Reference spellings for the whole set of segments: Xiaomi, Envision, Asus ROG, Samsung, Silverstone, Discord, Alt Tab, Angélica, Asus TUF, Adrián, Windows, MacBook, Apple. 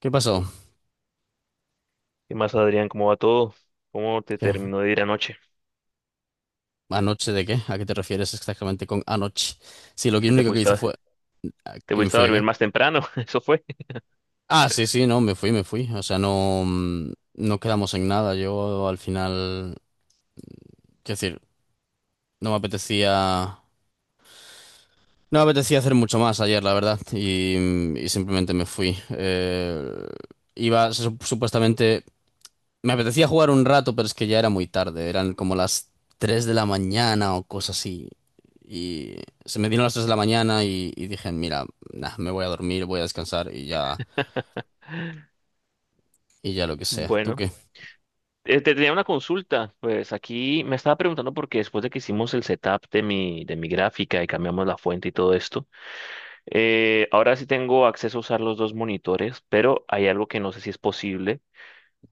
¿Qué pasó? ¿Qué más, Adrián? ¿Cómo va todo? ¿Cómo te ¿Qué? terminó de ir anoche? ¿Anoche de qué? ¿A qué te refieres exactamente con anoche? Sí, Es que te único que fuiste hice fue... a, ¿a Te ¿Que me fuiste a fui a dormir qué? más temprano, eso fue. Ah, sí, sí, no, me fui, me fui. O sea, no, no quedamos en nada. Yo al final... Quiero decir, no me apetecía... No me apetecía hacer mucho más ayer, la verdad. Y, y simplemente me fui. Iba, supuestamente... Me apetecía jugar un rato, pero es que ya era muy tarde. Eran como las 3 de la mañana o cosas así. Y se me dieron las 3 de la mañana y dije, mira, nah, me voy a dormir, voy a descansar y ya lo que sea. ¿Tú Bueno, qué? Te tenía una consulta. Pues aquí me estaba preguntando porque después de que hicimos el setup de mi gráfica y cambiamos la fuente y todo esto, ahora sí tengo acceso a usar los dos monitores, pero hay algo que no sé si es posible.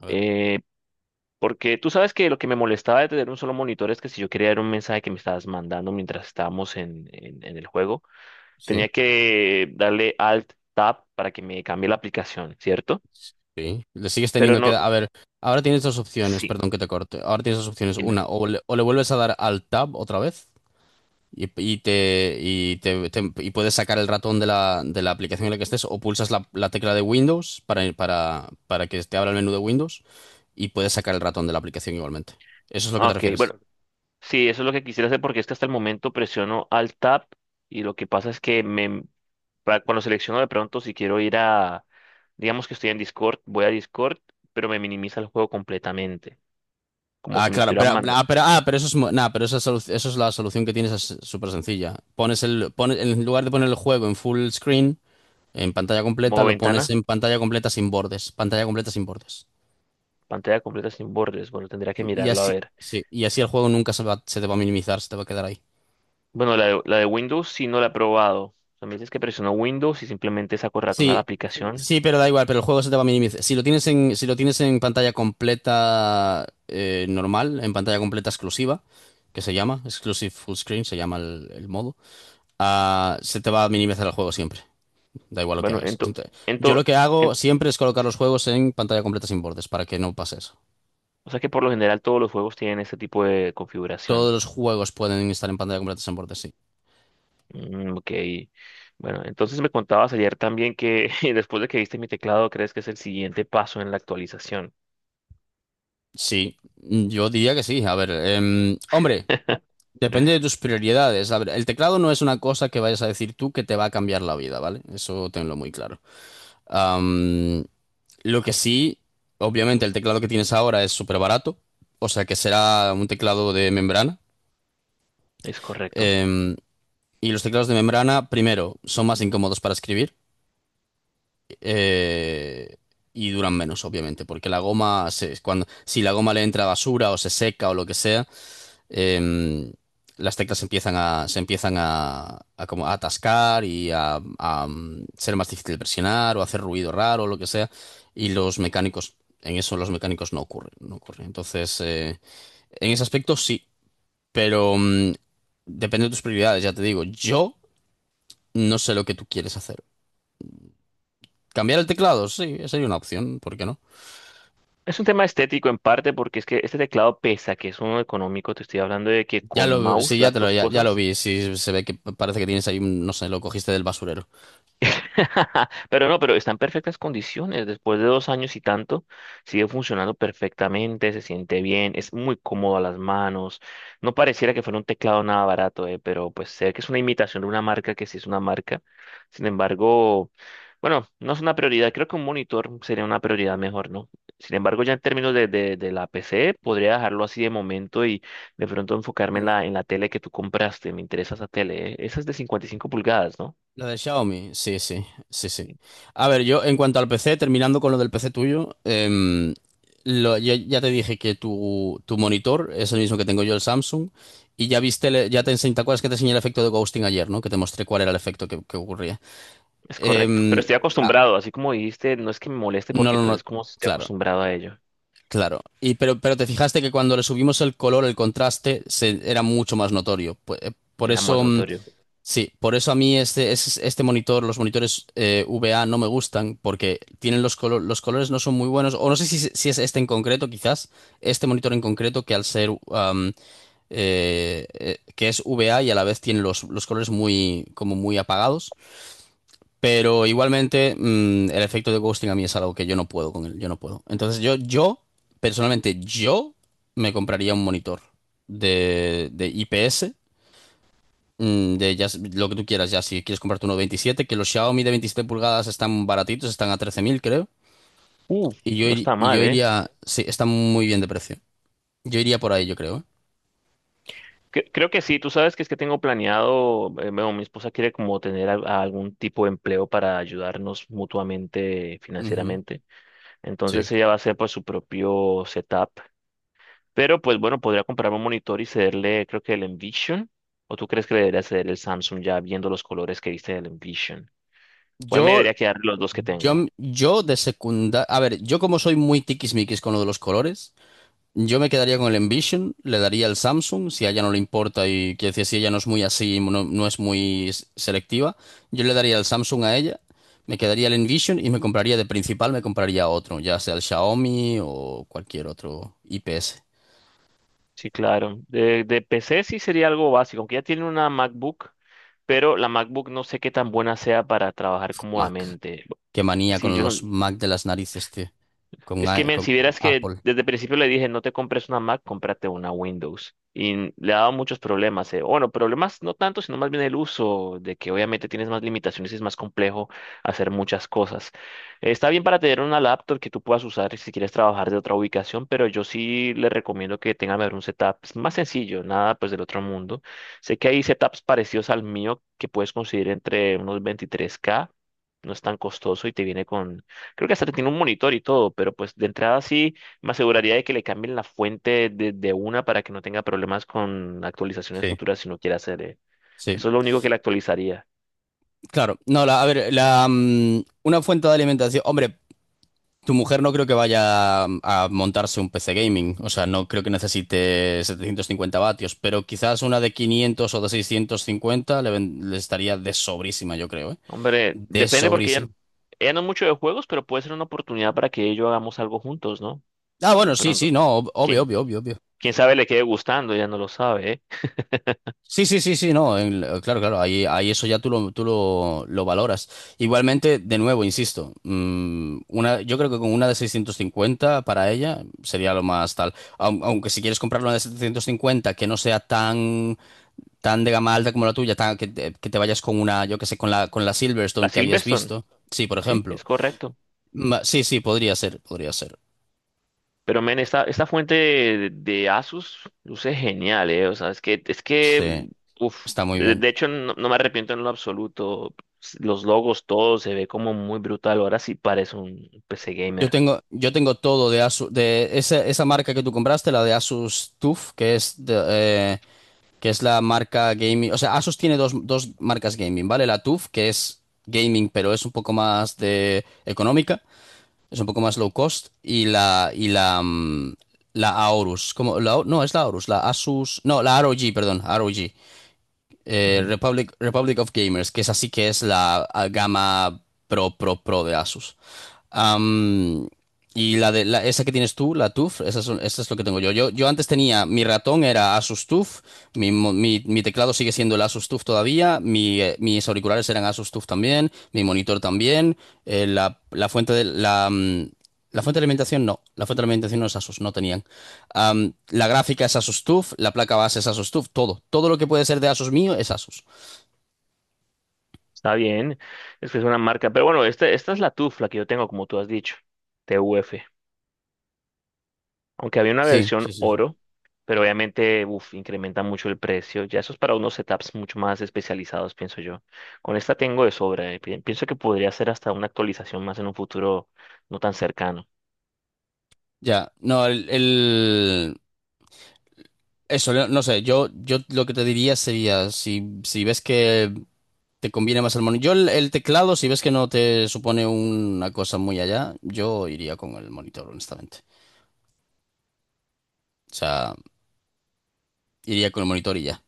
A ver, eh, Porque tú sabes que lo que me molestaba de tener un solo monitor es que si yo quería ver un mensaje que me estabas mandando mientras estábamos en el juego, sí, tenía que darle Alt Tab para que me cambie la aplicación, ¿cierto? sí. Le sigues Pero teniendo que... no, A ver, ahora tienes dos opciones, sí, perdón que te corte. Ahora tienes dos opciones. dime. Una, o le vuelves a dar al tab otra vez. Y puedes sacar el ratón de de la aplicación en la que estés o pulsas la tecla de Windows para que te abra el menú de Windows y puedes sacar el ratón de la aplicación igualmente. ¿Eso es lo que te Ok, refieres? bueno, sí, eso es lo que quisiera hacer porque es que hasta el momento presiono Alt Tab y lo que pasa es que cuando selecciono de pronto si quiero ir a, digamos que estoy en Discord, voy a Discord, pero me minimiza el juego completamente, como Ah, si me lo claro, estuvieran mandando. Pero eso es, nah, eso es la solución que tienes, es súper sencilla. Pones, en lugar de poner el juego en full screen, en pantalla completa, Modo lo pones ventana, en pantalla completa sin bordes, pantalla completa sin bordes. pantalla completa sin bordes. Bueno, tendría que Y mirarlo a así, ver. sí, y así el juego nunca se va- se te va a minimizar, se te va a quedar ahí. Bueno, la de Windows sí no la he probado. O sea, me dices que presiono Windows y simplemente saco ratón a la Sí, aplicación. sí, pero da igual, pero el juego se te va a minimizar. Si lo tienes en, si lo tienes en pantalla completa normal, en pantalla completa exclusiva, que se llama, Exclusive Full Screen, se llama el modo, ah, se te va a minimizar el juego siempre, da igual lo que Bueno, hagas. ento, Yo lo ento, que hago en- siempre es colocar sí. los juegos en pantalla completa sin bordes, para que no pase eso. O sea que por lo general todos los juegos tienen este tipo de Todos configuración. los juegos pueden estar en pantalla completa sin bordes, sí. Ok. Bueno, entonces me contabas ayer también que después de que viste mi teclado, crees que es el siguiente paso en la actualización. Sí, yo diría que sí. A ver, hombre. Depende de tus prioridades. A ver, el teclado no es una cosa que vayas a decir tú que te va a cambiar la vida, ¿vale? Eso tenlo muy claro. Am, lo que sí, obviamente el teclado que tienes ahora es súper barato, o sea que será un teclado de membrana. Es correcto. Em, y los teclados de membrana, primero, son más incómodos para escribir eh, y duran menos, obviamente, porque cuando, si la goma le entra basura o se seca o lo que sea, em, las teclas se empiezan a como a atascar y a ser más difícil de presionar o hacer ruido raro o lo que sea. Y los mecánicos, en eso los mecánicos no ocurren, no ocurre. Entonces, en ese aspecto sí, pero depende de tus prioridades, ya te digo. Yo no sé lo que tú quieres hacer. Cambiar el teclado, sí, sería una opción, ¿por qué no? Es un tema estético en parte porque es que este teclado pesa, que es uno económico. Te estoy hablando de que con Sí, mouse las dos ya lo cosas. vi, sí, se ve que parece que tienes ahí, no sé, lo cogiste del basurero. Pero no, pero está en perfectas condiciones. Después de dos años y tanto, sigue funcionando perfectamente, se siente bien, es muy cómodo a las manos. No pareciera que fuera un teclado nada barato, pero pues sé que es una imitación de una marca que sí es una marca. Sin embargo, bueno, no es una prioridad. Creo que un monitor sería una prioridad mejor, ¿no? Sin embargo, ya en términos de la PC, podría dejarlo así de momento y de pronto enfocarme en la tele que tú compraste. Me interesa esa tele, eh. Esa es de 55 pulgadas, ¿no? Lo de Xiaomi, sí, sí, sí, sí. A ver, yo en cuanto al PC, terminando con lo del PC tuyo, ya, ya te dije que tu monitor es el mismo que tengo yo, el Samsung, y ya viste, ya te Sí. enseñé, ¿te acuerdas que te enseñé el efecto de ghosting ayer, ¿no? Que te mostré cuál era el efecto que ocurría. Es correcto, pero Em, estoy ah, acostumbrado, así como dijiste, no es que me moleste no, porque no, pues no, es como si estoy claro, acostumbrado a ello. claro. Pero te fijaste que cuando le subimos el color, el contraste, se, era mucho más notorio. Por Veamos, eso... notorio. sí, por eso a mí este monitor, los monitores VA no me gustan porque tienen los, los colores no son muy buenos, o no sé si, si es este en concreto, quizás, este monitor en concreto que al ser, que es VA y a la vez tiene los colores muy, como muy apagados, pero igualmente el efecto de ghosting a mí es algo que yo no puedo con él, yo no puedo. Personalmente, yo me compraría un monitor de IPS. De ya, lo que tú quieras, ya si quieres comprarte uno 27, que los Xiaomi de 27 pulgadas están baratitos, están a 13.000 creo. Uf, no está Y yo mal, ¿eh? iría, sí, están muy bien de precio. Yo iría por ahí, yo creo. ¿Eh? Creo que sí, tú sabes que es que tengo planeado, bueno, mi esposa quiere como tener algún tipo de empleo para ayudarnos mutuamente Ujú, financieramente. sí. Entonces ella va a hacer pues su propio setup, pero pues bueno, podría comprar un monitor y cederle, creo que el Envision, o tú crees que le debería ceder el Samsung ya viendo los colores que viste del Envision. ¿Cuál me Yo, debería quedar de los dos que tengo? yo de secundaria, a ver, yo como soy muy tiquismiquis con lo de los colores, yo me quedaría con el Envision, le daría el Samsung, si a ella no le importa y quiero decir, si ella no es muy así, no es muy selectiva, yo le daría el Samsung a ella, me quedaría el Envision y me compraría de principal, me compraría otro, ya sea el Xiaomi o cualquier otro IPS, Sí, claro. De PC sí sería algo básico, aunque ya tiene una MacBook, pero la MacBook no sé qué tan buena sea para trabajar Mac. cómodamente. Qué manía Sí, con yo los Mac de las narices, tío, es que, men, si con vieras que Apple. desde el principio le dije, no te compres una Mac, cómprate una Windows. Y le ha dado muchos problemas. Eh. Bueno, problemas no tanto, sino más bien el uso, de que obviamente tienes más limitaciones y es más complejo hacer muchas cosas. Está bien para tener una laptop que tú puedas usar si quieres trabajar de otra ubicación, pero yo sí le recomiendo que tengan mejor un setup pues, más sencillo, nada pues del otro mundo. Sé que hay setups parecidos al mío que puedes conseguir entre unos 23K, no es tan costoso y te viene con. Creo que hasta tiene un monitor y todo, pero pues de entrada sí me aseguraría de que le cambien la fuente de una para que no tenga problemas con actualizaciones Sí. futuras si no quiere hacer. Eh. Sí, Eso es lo único que le actualizaría. claro. No, la, a ver, una fuente de alimentación. Hombre, tu mujer no creo que vaya a montarse un PC gaming, o sea, no creo que necesite 750 vatios, pero quizás una de 500 o de 650 le estaría de sobrísima, yo creo, ¿eh? Hombre, De depende porque sobrísima. ella no es mucho de juegos, pero puede ser una oportunidad para que ella y yo hagamos algo juntos, ¿no? Ah, De bueno, sí, pronto, sí, no, obvio, quién, obvio, obvio, obvio. quién sabe le quede gustando, ella no lo sabe, ¿eh? Sí, sí, sí, sí, no, claro, claro, ahí, ahí eso ya tú lo valoras. Igualmente, de nuevo, insisto, yo creo que con una de 650 para ella sería lo más tal. Aunque si quieres comprar una de 750, que no sea tan tan de gama alta como la tuya, que te vayas con una, yo qué sé, con la La Silverstone que habías Silverstone, visto. Sí, por sí, ejemplo. es correcto. Sí, sí, podría ser, podría ser. Pero, men, esta fuente de Asus luce genial, ¿eh? O sea, Sí, uf, está muy bien. de hecho no, no me arrepiento en lo absoluto. Los logos, todo se ve como muy brutal. Ahora sí parece un PC gamer. Yo tengo todo de Asus, de esa, esa marca que tú compraste, la de Asus TUF, que es la marca gaming. O sea, Asus tiene dos marcas gaming, ¿vale? La TUF, que es gaming, pero es un poco más de económica. Es un poco más low cost. La Aorus. Como La, no, es la Aorus. La Asus. No, la ROG, perdón. ROG. Ujú. Republic, Republic of Gamers, que es así que es la gama pro, pro, pro de Asus. Am, y la de esa que tienes tú, la TUF, esa es lo que tengo yo. Yo. Yo antes tenía, mi ratón era Asus TUF, mi teclado sigue siendo el Asus TUF todavía, mis auriculares eran Asus TUF también, mi monitor también, la fuente de la fuente de alimentación no, la fuente de alimentación no es Asus, no tenían. La gráfica es Asus TUF, la placa base es Asus TUF, todo. Todo lo que puede ser de Asus mío es Asus. Está bien, es que es una marca. Pero bueno, esta es la tufla que yo tengo, como tú has dicho, TUF. Aunque había una Sí, sí, versión sí. sí. oro, pero obviamente, uf, incrementa mucho el precio. Ya eso es para unos setups mucho más especializados, pienso yo. Con esta tengo de sobra. Eh, pienso que podría ser hasta una actualización más en un futuro no tan cercano. Ya, no, el, el- Eso, no no sé, yo lo que te diría sería, si, si ves que te conviene más el monitor, yo el teclado, si ves que no te supone una cosa muy allá, yo iría con el monitor, honestamente. O sea, iría con el monitor y ya.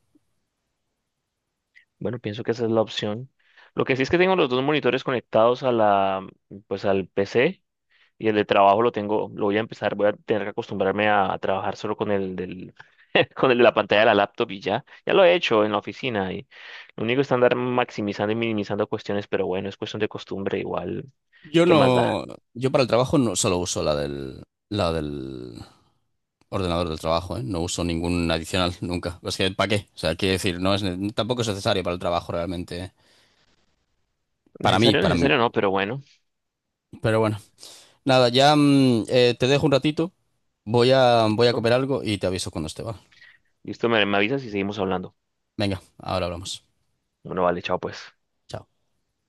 Bueno, pienso que esa es la opción. Lo que sí es que tengo los dos monitores conectados a la, pues al PC. Y el de trabajo lo tengo, lo voy a empezar, voy a tener que acostumbrarme a trabajar solo con el del, con el de la pantalla de la laptop y ya. Ya lo he hecho en la oficina y lo único es andar maximizando y minimizando cuestiones, pero bueno, es cuestión de costumbre igual. Yo ¿Qué más da? no, yo para el trabajo no solo uso la del Ordenador del trabajo, ¿eh? No uso ningún adicional nunca. Es que, ¿para qué? O sea, quiero decir, no es, tampoco es necesario para el trabajo realmente. ¿Eh? Para mí, Necesario, para mí. necesario no, pero bueno. Pero bueno, nada, te dejo un ratito. Voy a Listo. comer algo y te aviso cuando esté, ¿vale? Listo, me avisas y seguimos hablando. Venga, ahora hablamos. Bueno, vale, chao pues. Chao.